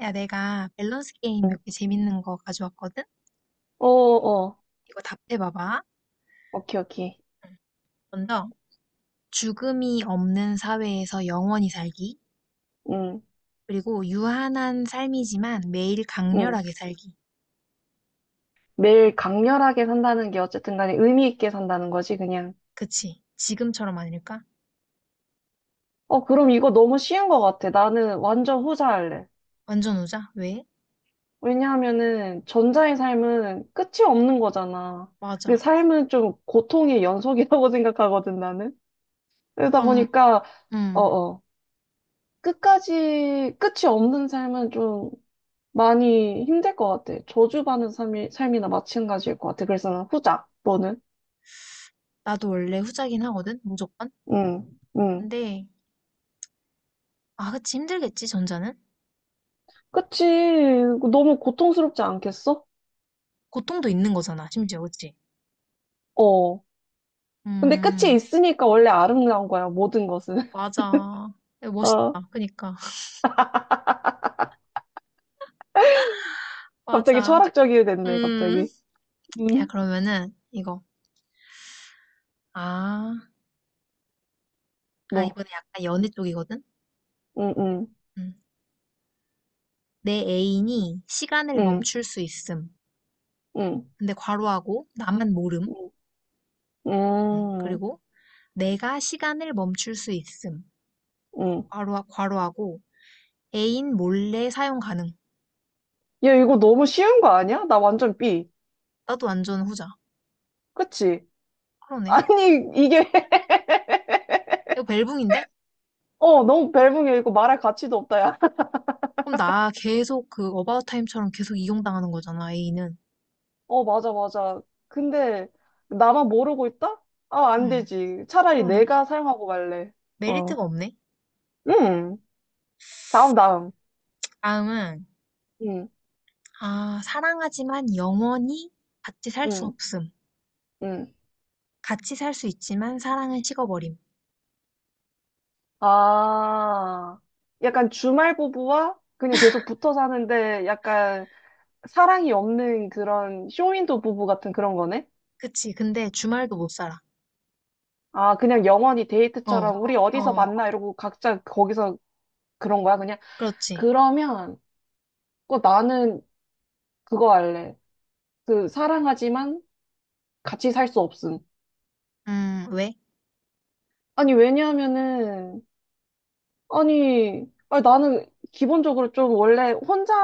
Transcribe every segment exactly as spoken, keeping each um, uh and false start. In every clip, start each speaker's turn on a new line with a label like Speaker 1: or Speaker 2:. Speaker 1: 야, 내가 밸런스 게임
Speaker 2: 응.
Speaker 1: 몇 개 재밌는 거 가져왔거든?
Speaker 2: 어, 어.
Speaker 1: 이거 답해봐봐.
Speaker 2: 오케이, 오케이.
Speaker 1: 먼저, 죽음이 없는 사회에서 영원히 살기.
Speaker 2: 응,
Speaker 1: 그리고 유한한 삶이지만 매일
Speaker 2: 응.
Speaker 1: 강렬하게 살기.
Speaker 2: 매일 강렬하게 산다는 게 어쨌든 간에 의미 있게 산다는 거지, 그냥.
Speaker 1: 그치? 지금처럼 아닐까?
Speaker 2: 어, 그럼 이거 너무 쉬운 것 같아. 나는 완전 후자할래.
Speaker 1: 완전 후자? 왜?
Speaker 2: 왜냐하면은 전자의 삶은 끝이 없는 거잖아. 그
Speaker 1: 맞아.
Speaker 2: 삶은 좀 고통의 연속이라고 생각하거든, 나는. 그러다
Speaker 1: 그럼,
Speaker 2: 보니까, 어,
Speaker 1: 음,
Speaker 2: 어. 끝까지, 끝이 없는 삶은 좀 많이 힘들 것 같아. 저주받는 삶이, 삶이나 마찬가지일 것 같아. 그래서 난 후자, 너는?
Speaker 1: 나도 원래 후자긴 하거든? 무조건?
Speaker 2: 응. 응.
Speaker 1: 근데, 아, 그치. 힘들겠지, 전자는?
Speaker 2: 그치. 너무 고통스럽지 않겠어?
Speaker 1: 고통도 있는 거잖아, 심지어, 그치?
Speaker 2: 어. 근데 끝이
Speaker 1: 음,
Speaker 2: 있으니까 원래 아름다운 거야, 모든 것은.
Speaker 1: 맞아.
Speaker 2: 어.
Speaker 1: 멋있다. 그니까.
Speaker 2: 갑자기
Speaker 1: 맞아.
Speaker 2: 철학적이 됐네,
Speaker 1: 음.
Speaker 2: 갑자기.
Speaker 1: 야,
Speaker 2: 음.
Speaker 1: 그러면은 이거. 아, 아
Speaker 2: 뭐.
Speaker 1: 이번에 약간 연애 쪽이거든?
Speaker 2: 음, 음,
Speaker 1: 음. 내 애인이 시간을
Speaker 2: 음,
Speaker 1: 멈출 수 있음.
Speaker 2: 음,
Speaker 1: 근데 괄호하고 나만 모름. 음.
Speaker 2: 음,
Speaker 1: 그리고 내가 시간을 멈출 수 있음.
Speaker 2: 음.
Speaker 1: 괄호, 괄호하고 애인 몰래 사용 가능.
Speaker 2: 야, 이거 너무 쉬운 거 아니야? 나 완전 B.
Speaker 1: 나도 완전 후자.
Speaker 2: 그치?
Speaker 1: 그러네.
Speaker 2: 아니, 이게,
Speaker 1: 이거 벨붕인데?
Speaker 2: 어, 너무 벨붕이야. 이거 말할 가치도 없다, 야.
Speaker 1: 그럼 나 계속 그 어바웃 타임처럼 계속 이용당하는 거잖아, 애인은.
Speaker 2: 어, 맞아, 맞아. 근데, 나만 모르고 있다? 아, 안
Speaker 1: 음.
Speaker 2: 되지. 차라리
Speaker 1: 그러네.
Speaker 2: 내가 사용하고 말래. 어.
Speaker 1: 메리트가 없네.
Speaker 2: 음. 다음, 다음.
Speaker 1: 다음은
Speaker 2: 응,
Speaker 1: 아, 사랑하지만 영원히 같이 살 수
Speaker 2: 응,
Speaker 1: 없음.
Speaker 2: 응.
Speaker 1: 같이 살 수 있지만 사랑은 식어버림.
Speaker 2: 아, 약간 주말 부부와 그냥 계속 붙어 사는데 약간 사랑이 없는 그런 쇼윈도 부부 같은 그런 거네?
Speaker 1: 그치. 근데 주말도 못 살아.
Speaker 2: 아, 그냥 영원히
Speaker 1: 어,
Speaker 2: 데이트처럼 우리
Speaker 1: 우리
Speaker 2: 어디서
Speaker 1: 어, 어디서
Speaker 2: 만나 이러고 각자 거기서 그런 거야, 그냥?
Speaker 1: 그렇지.
Speaker 2: 그러면, 그 나는 그거 할래. 그 사랑하지만 같이 살 수 없음.
Speaker 1: 음, 왜?
Speaker 2: 아니, 왜냐하면은 아니, 아니, 나는 기본적으로 좀 원래 혼자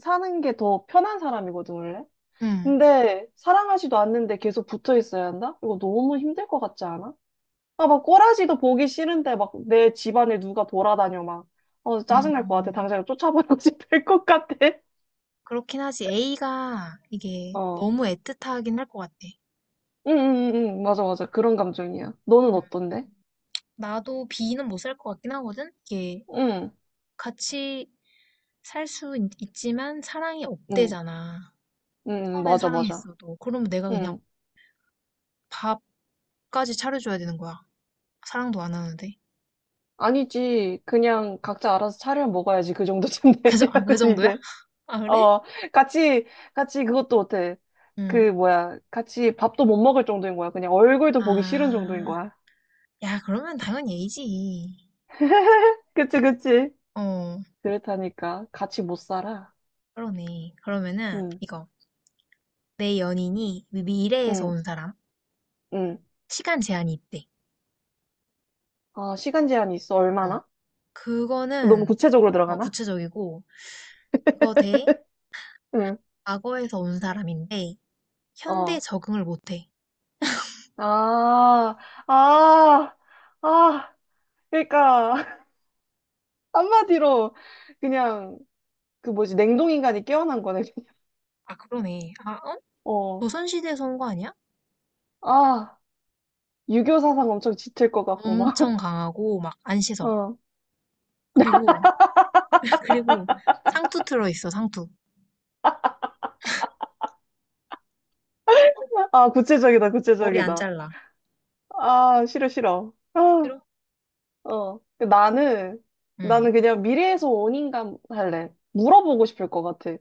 Speaker 2: 사는 게 더 편한 사람이거든, 원래.
Speaker 1: 음,
Speaker 2: 근데 사랑하지도 않는데 계속 붙어 있어야 한다? 이거 너무 힘들 것 같지 않아? 아, 막 꼬라지도 보기 싫은데 막 내 집안에 누가 돌아다녀, 막. 어, 짜증날 것 같아.
Speaker 1: 음.
Speaker 2: 당장 쫓아버리고 싶을 것 같아.
Speaker 1: 그렇긴 하지. A가 이게
Speaker 2: 어.
Speaker 1: 너무 애틋하긴 할 것 같아.
Speaker 2: 응, 응, 응, 응. 맞아, 맞아. 그런 감정이야. 너는
Speaker 1: 음,
Speaker 2: 어떤데?
Speaker 1: 나도 B는 못살 것 같긴 하거든? 이게
Speaker 2: 응,
Speaker 1: 같이 살 수 있지만 사랑이
Speaker 2: 응,
Speaker 1: 없대잖아.
Speaker 2: 응, 응.
Speaker 1: 처음엔
Speaker 2: 맞아, 맞아.
Speaker 1: 사랑했어도. 그러면 내가 그냥
Speaker 2: 응.
Speaker 1: 밥까지 차려줘야 되는 거야. 사랑도 안 하는데.
Speaker 2: 아니지. 그냥 각자 알아서 차려 먹어야지. 그 정도쯤
Speaker 1: 그, 정- 아, 그
Speaker 2: 되면
Speaker 1: 정도야?
Speaker 2: 이제.
Speaker 1: 아, 그래?
Speaker 2: 어, 같이, 같이 그것도 어때?
Speaker 1: 응.
Speaker 2: 그, 뭐야. 같이 밥도 못 먹을 정도인 거야. 그냥 얼굴도 보기 싫은 정도인
Speaker 1: 아.
Speaker 2: 거야.
Speaker 1: 야, 그러면 당연히 A지.
Speaker 2: 그치, 그치.
Speaker 1: 어,
Speaker 2: 그렇다니까. 같이 못 살아.
Speaker 1: 그러네. 그러면은
Speaker 2: 응,
Speaker 1: 이거 내 연인이 미- 미래에서
Speaker 2: 응,
Speaker 1: 온 사람
Speaker 2: 응.
Speaker 1: 시간 제한이 있대.
Speaker 2: 어, 시간 제한이 있어.
Speaker 1: 어,
Speaker 2: 얼마나? 너무
Speaker 1: 그거는
Speaker 2: 구체적으로
Speaker 1: 어,
Speaker 2: 들어가나?
Speaker 1: 구체적이고 그거 대
Speaker 2: 응,
Speaker 1: 과거에서 온 사람인데 현대
Speaker 2: 어.
Speaker 1: 적응을 못해.
Speaker 2: 아, 아, 아. 그러니까. 한마디로 그냥 그 뭐지, 냉동인간이 깨어난 거네.
Speaker 1: 아, 그러네. 아, 어?
Speaker 2: 어.
Speaker 1: 조선시대에서 온 거 아니야?
Speaker 2: 아, 유교 사상 엄청 짙을 것 같고, 막.
Speaker 1: 엄청 강하고 막 안 씻어.
Speaker 2: 어.
Speaker 1: 그리고 그리고 상투 틀어 있어. 상투. 어,
Speaker 2: 아, 구체적이다,
Speaker 1: 머리 안
Speaker 2: 구체적이다.
Speaker 1: 잘라.
Speaker 2: 아, 싫어, 싫어. 아,
Speaker 1: 싫어?
Speaker 2: 어. 그 나는,
Speaker 1: 응,
Speaker 2: 나는 그냥 미래에서 온 인간 할래. 물어보고 싶을 것 같아.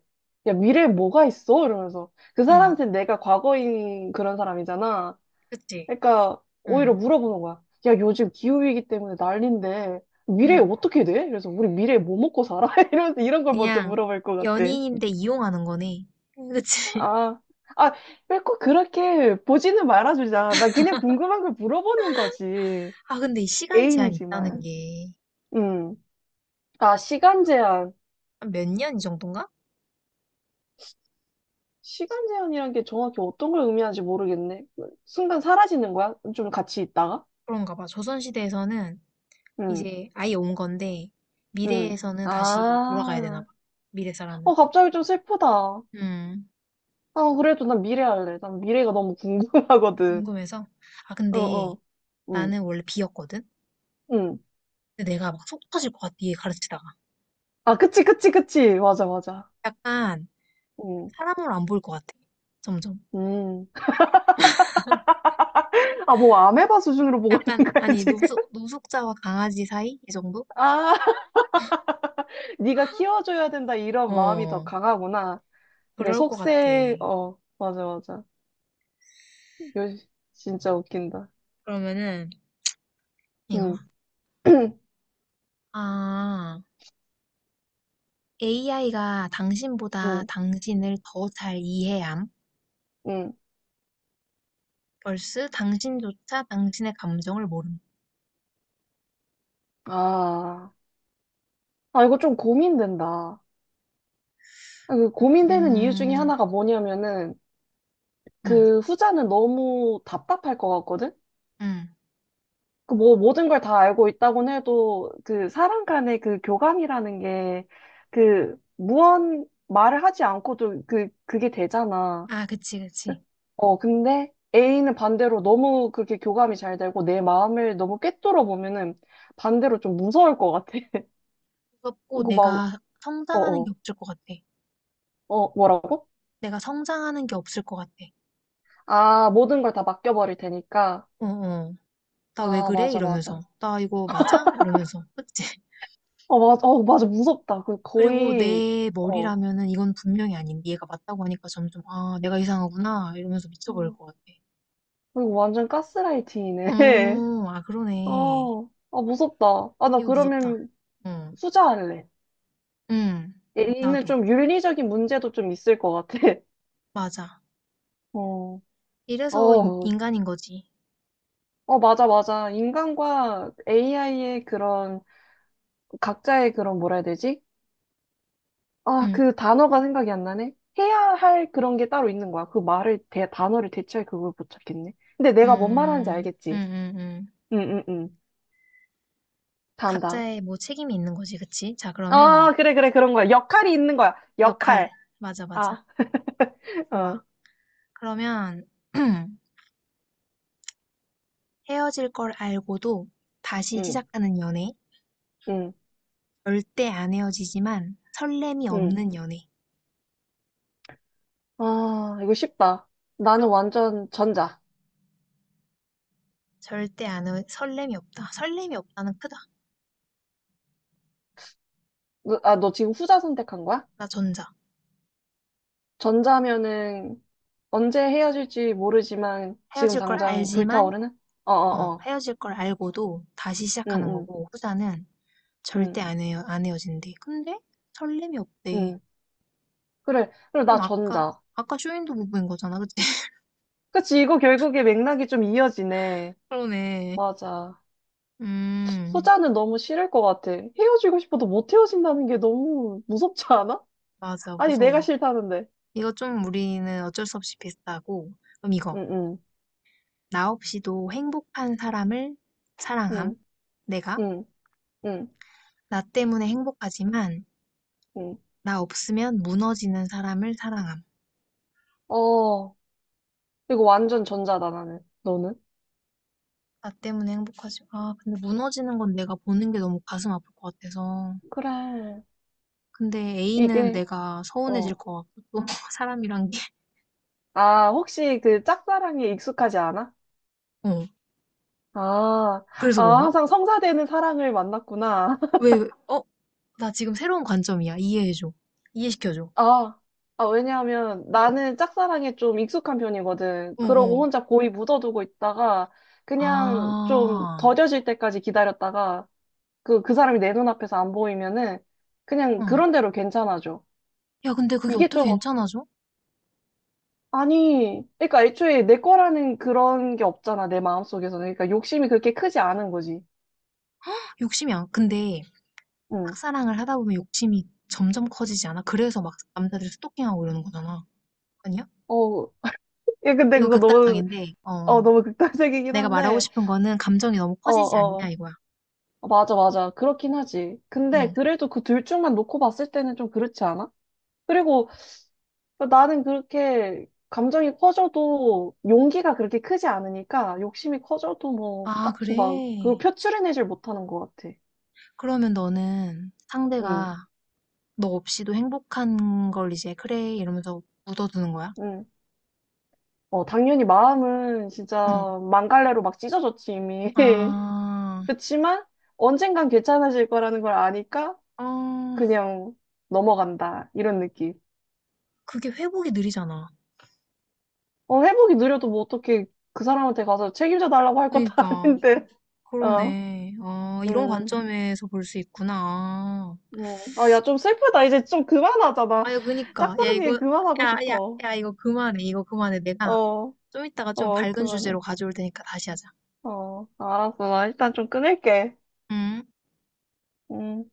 Speaker 2: 야, 미래에 뭐가 있어? 이러면서. 그
Speaker 1: 응,
Speaker 2: 사람한테 내가 과거인 그런 사람이잖아.
Speaker 1: 그치.
Speaker 2: 그러니까, 오히려
Speaker 1: 응,
Speaker 2: 물어보는 거야. 야, 요즘 기후위기 때문에 난린데, 미래에
Speaker 1: 응.
Speaker 2: 어떻게 돼? 그래서 우리 미래에 뭐 먹고 살아? 이러면서 이런 걸 먼저
Speaker 1: 그냥
Speaker 2: 물어볼 것 같아.
Speaker 1: 연인인데 이용하는 거네. 응. 그치?
Speaker 2: 아, 아, 왜 꼭 그렇게 보지는 말아주자. 나 그냥 궁금한 걸 물어보는 거지.
Speaker 1: 아, 근데 이 시간 제한이 있다는
Speaker 2: 애인이지만.
Speaker 1: 게
Speaker 2: 음. 아, 시간 제한.
Speaker 1: 몇 년 이 정도인가?
Speaker 2: 시간 제한이란 게 정확히 어떤 걸 의미하는지 모르겠네. 순간 사라지는 거야? 좀 같이 있다가?
Speaker 1: 그런가 봐. 조선시대에서는
Speaker 2: 응,
Speaker 1: 이제 아예 온 건데,
Speaker 2: 응.
Speaker 1: 미래에서는 다시 돌아가야 되나
Speaker 2: 아,
Speaker 1: 봐. 미래 사람은.
Speaker 2: 어, 갑자기 좀 슬프다. 아,
Speaker 1: 음,
Speaker 2: 그래도 난 미래 할래. 난 미래가 너무 궁금하거든.
Speaker 1: 궁금해서. 아,
Speaker 2: 어,
Speaker 1: 근데
Speaker 2: 어. 응,
Speaker 1: 나는 원래 비였거든?
Speaker 2: 응.
Speaker 1: 근데 내가 막 속 터질 것 같아, 얘 가르치다가.
Speaker 2: 아, 그치, 그치, 그치. 맞아, 맞아.
Speaker 1: 약간
Speaker 2: 응,
Speaker 1: 사람으로 안 보일 것 같아. 점점.
Speaker 2: 음. 아, 뭐 아메바 수준으로 보고
Speaker 1: 약간,
Speaker 2: 있는 거야,
Speaker 1: 아니,
Speaker 2: 지금?
Speaker 1: 노숙, 노숙자와 강아지 사이? 이 정도?
Speaker 2: 아, 네가 키워줘야 된다 이런 마음이 더
Speaker 1: 어,
Speaker 2: 강하구나. 그래,
Speaker 1: 그럴 것 같아.
Speaker 2: 속세, 어, 맞아, 맞아. 요, 진짜 웃긴다.
Speaker 1: 그러면은 이거
Speaker 2: 응,
Speaker 1: 아 에이아이가 당신보다
Speaker 2: 응,
Speaker 1: 당신을 더 잘 이해함
Speaker 2: 응.
Speaker 1: 벌스 당신조차 당신의 감정을 모름
Speaker 2: 아, 아, 이거 좀 고민된다. 아, 그 고민되는 이유 중에
Speaker 1: 음,
Speaker 2: 하나가 뭐냐면은,
Speaker 1: 음,
Speaker 2: 그 후자는 너무 답답할 것 같거든?
Speaker 1: 음.
Speaker 2: 그 뭐 모든 걸 다 알고 있다곤 해도 그 사람 간의 그 교감이라는 게 그 무언 말을 하지 않고도 그 그게 되잖아.
Speaker 1: 아 그치 그치
Speaker 2: 어 근데 A는 반대로 너무 그렇게 교감이 잘 되고 내 마음을 너무 꿰뚫어 보면은 반대로 좀 무서울 것 같아.
Speaker 1: 무섭고
Speaker 2: 그거 막
Speaker 1: 내가 성장하는 게
Speaker 2: 어어
Speaker 1: 없을 것 같아
Speaker 2: 어 어, 뭐라고?
Speaker 1: 내가 성장하는 게 없을 것 같아
Speaker 2: 아 모든 걸 다 맡겨버릴 테니까.
Speaker 1: 어어 나 왜
Speaker 2: 아
Speaker 1: 그래
Speaker 2: 맞아
Speaker 1: 이러면서
Speaker 2: 맞아.
Speaker 1: 나 이거 맞아 이러면서 그치
Speaker 2: 어 맞아 어 맞아 무섭다. 그
Speaker 1: 그리고
Speaker 2: 거의
Speaker 1: 내
Speaker 2: 어
Speaker 1: 머리라면은 이건 분명히 아닌 얘가 맞다고 하니까 점점 아 내가 이상하구나 이러면서 미쳐버릴
Speaker 2: 어,
Speaker 1: 것 같아
Speaker 2: 그리고 완전 가스라이팅이네.
Speaker 1: 어, 아, 그러네.
Speaker 2: 어, 아, 무섭다. 아, 나
Speaker 1: 이거 무섭다.
Speaker 2: 그러면
Speaker 1: 어,
Speaker 2: 후자할래.
Speaker 1: 응,
Speaker 2: 얘는
Speaker 1: 나도.
Speaker 2: 좀 윤리적인 문제도 좀 있을 것 같아.
Speaker 1: 맞아.
Speaker 2: 어,
Speaker 1: 이래서 인,
Speaker 2: 어,
Speaker 1: 인간인 거지.
Speaker 2: 어, 맞아, 맞아. 인간과 에이아이의 그런, 각자의 그런, 뭐라 해야 되지? 아,
Speaker 1: 응,
Speaker 2: 그 단어가 생각이 안 나네? 해야 할 그런 게 따로 있는 거야. 그 말을, 대, 단어를 대체할 그걸 못 찾겠네. 근데 내가 뭔 말하는지
Speaker 1: 음, 응,
Speaker 2: 알겠지?
Speaker 1: 응, 응.
Speaker 2: 응, 응, 응. 다음, 다음.
Speaker 1: 각자의 뭐 책임이 있는 거지, 그치? 자, 그러면
Speaker 2: 아, 그래, 그래, 그런 거야. 역할이 있는 거야.
Speaker 1: 역할.
Speaker 2: 역할.
Speaker 1: 맞아, 맞아.
Speaker 2: 아, 어,
Speaker 1: 좋아. 그러면 헤어질 걸 알고도 다시
Speaker 2: 응,
Speaker 1: 시작하는 연애.
Speaker 2: 응,
Speaker 1: 절대 안 헤어지지만 설렘이
Speaker 2: 응.
Speaker 1: 없는 연애.
Speaker 2: 아, 이거 쉽다. 나는
Speaker 1: 죠
Speaker 2: 완전 전자.
Speaker 1: 절대 안, 헤- 설렘이 없다. 설렘이 없다는 크다.
Speaker 2: 너, 아, 너 지금 후자 선택한 거야?
Speaker 1: 나 전자.
Speaker 2: 전자면은 언제 헤어질지 모르지만 지금
Speaker 1: 헤어질 걸
Speaker 2: 당장
Speaker 1: 알지만
Speaker 2: 불타오르는?
Speaker 1: 어,
Speaker 2: 어어어.
Speaker 1: 헤어질 걸 알고도 다시
Speaker 2: 응,
Speaker 1: 시작하는
Speaker 2: 응,
Speaker 1: 거고, 후자는
Speaker 2: 응,
Speaker 1: 절대 안 헤어, 안 헤어진대. 근데 설렘이 없대.
Speaker 2: 응. 그래. 그럼 나
Speaker 1: 그럼 아까,
Speaker 2: 전자.
Speaker 1: 아까 쇼윈도 못 본 거잖아, 그치?
Speaker 2: 그치, 이거 결국에 맥락이 좀 이어지네.
Speaker 1: 그러네.
Speaker 2: 맞아.
Speaker 1: 음,
Speaker 2: 후자는 너무 싫을 것 같아. 헤어지고 싶어도 못 헤어진다는 게 너무 무섭지 않아?
Speaker 1: 맞아,
Speaker 2: 아니, 내가
Speaker 1: 무서워.
Speaker 2: 싫다는데.
Speaker 1: 이거 좀 우리는 어쩔 수 없이 비슷하고, 그럼 이거.
Speaker 2: 응, 응,
Speaker 1: 나 없이도 행복한 사람을 사랑함.
Speaker 2: 응,
Speaker 1: 내가
Speaker 2: 응, 응,
Speaker 1: 나 때문에 행복하지만,
Speaker 2: 응.
Speaker 1: 나 없으면 무너지는 사람을 사랑함.
Speaker 2: 어. 이거 완전 전자다, 나는. 너는?
Speaker 1: 나 때문에 행복하지. 아, 근데 무너지는 건 내가 보는 게 너무 가슴 아플 것 같아서.
Speaker 2: 그래.
Speaker 1: 근데 A는
Speaker 2: 이게,
Speaker 1: 내가 서운해질
Speaker 2: 어.
Speaker 1: 것 같고 또 사람이란 게
Speaker 2: 아, 혹시 그 짝사랑에 익숙하지 않아?
Speaker 1: 어.
Speaker 2: 아,
Speaker 1: 그래서
Speaker 2: 아,
Speaker 1: 그런 거야?
Speaker 2: 항상 성사되는 사랑을 만났구나.
Speaker 1: 왜, 왜? 어? 나 지금 새로운 관점이야. 이해해줘. 이해시켜줘.
Speaker 2: 아, 아, 왜냐하면
Speaker 1: 어,
Speaker 2: 나는 짝사랑에 좀 익숙한 편이거든.
Speaker 1: 어, 어.
Speaker 2: 그러고 혼자 고이 묻어두고 있다가 그냥 좀
Speaker 1: 아,
Speaker 2: 더뎌질 때까지 기다렸다가 그, 그 사람이 내 눈앞에서 안 보이면은 그냥
Speaker 1: 응.
Speaker 2: 그런 대로 괜찮아져.
Speaker 1: 야, 근데 그게
Speaker 2: 이게
Speaker 1: 어떻게
Speaker 2: 좀
Speaker 1: 괜찮아져?
Speaker 2: 아니, 그러니까 애초에 내 거라는 그런 게 없잖아, 내 마음속에서는. 그러니까 욕심이 그렇게 크지 않은 거지.
Speaker 1: 욕심이 안, 근데
Speaker 2: 응.
Speaker 1: 짝사랑을 하다 보면 욕심이 점점 커지지 않아? 그래서 막 남자들이 스토킹하고 이러는 거잖아. 아니야?
Speaker 2: 어, 예, 근데
Speaker 1: 이거
Speaker 2: 그거 너무,
Speaker 1: 극단적인데,
Speaker 2: 어,
Speaker 1: 어,
Speaker 2: 너무 극단적이긴
Speaker 1: 내가 말하고
Speaker 2: 한데,
Speaker 1: 싶은 거는 감정이 너무
Speaker 2: 어,
Speaker 1: 커지지 않냐,
Speaker 2: 어,
Speaker 1: 이거야.
Speaker 2: 맞아, 맞아. 그렇긴 하지. 근데
Speaker 1: 응.
Speaker 2: 그래도 그 둘 중만 놓고 봤을 때는 좀 그렇지 않아? 그리고 나는 그렇게 감정이 커져도 용기가 그렇게 크지 않으니까 욕심이 커져도 뭐
Speaker 1: 아,
Speaker 2: 딱히 막 그걸
Speaker 1: 그래.
Speaker 2: 표출해내질 못하는 것 같아.
Speaker 1: 그러면 너는
Speaker 2: 응,
Speaker 1: 상대가 너 없이도 행복한 걸 이제 그래 이러면서 묻어두는 거야?
Speaker 2: 응. 어, 당연히 마음은
Speaker 1: 응.
Speaker 2: 진짜 망갈래로 막 찢어졌지, 이미.
Speaker 1: 아,
Speaker 2: 그치만 언젠간 괜찮아질 거라는 걸 아니까
Speaker 1: 어,
Speaker 2: 그냥 넘어간다. 이런 느낌.
Speaker 1: 그게 회복이 느리잖아.
Speaker 2: 어, 회복이 느려도 뭐 어떻게 그 사람한테 가서 책임져 달라고 할 것도
Speaker 1: 그러니까
Speaker 2: 아닌데. 어,
Speaker 1: 그러네. 아, 이런
Speaker 2: 음,
Speaker 1: 관점에서 볼 수 있구나.
Speaker 2: 음. 아, 야, 좀 슬프다. 이제 좀 그만하자. 나
Speaker 1: 아유, 그니까 야
Speaker 2: 짝사랑
Speaker 1: 이거
Speaker 2: 얘기 그만하고
Speaker 1: 야, 야,
Speaker 2: 싶어.
Speaker 1: 야 이거 그만해. 이거 그만해. 내가
Speaker 2: 어,
Speaker 1: 좀 이따가 좀
Speaker 2: 어,
Speaker 1: 밝은
Speaker 2: 그만해.
Speaker 1: 주제로 가져올 테니까 다시 하자.
Speaker 2: 어, 알았어. 나 일단 좀 끊을게.
Speaker 1: 음.
Speaker 2: 음.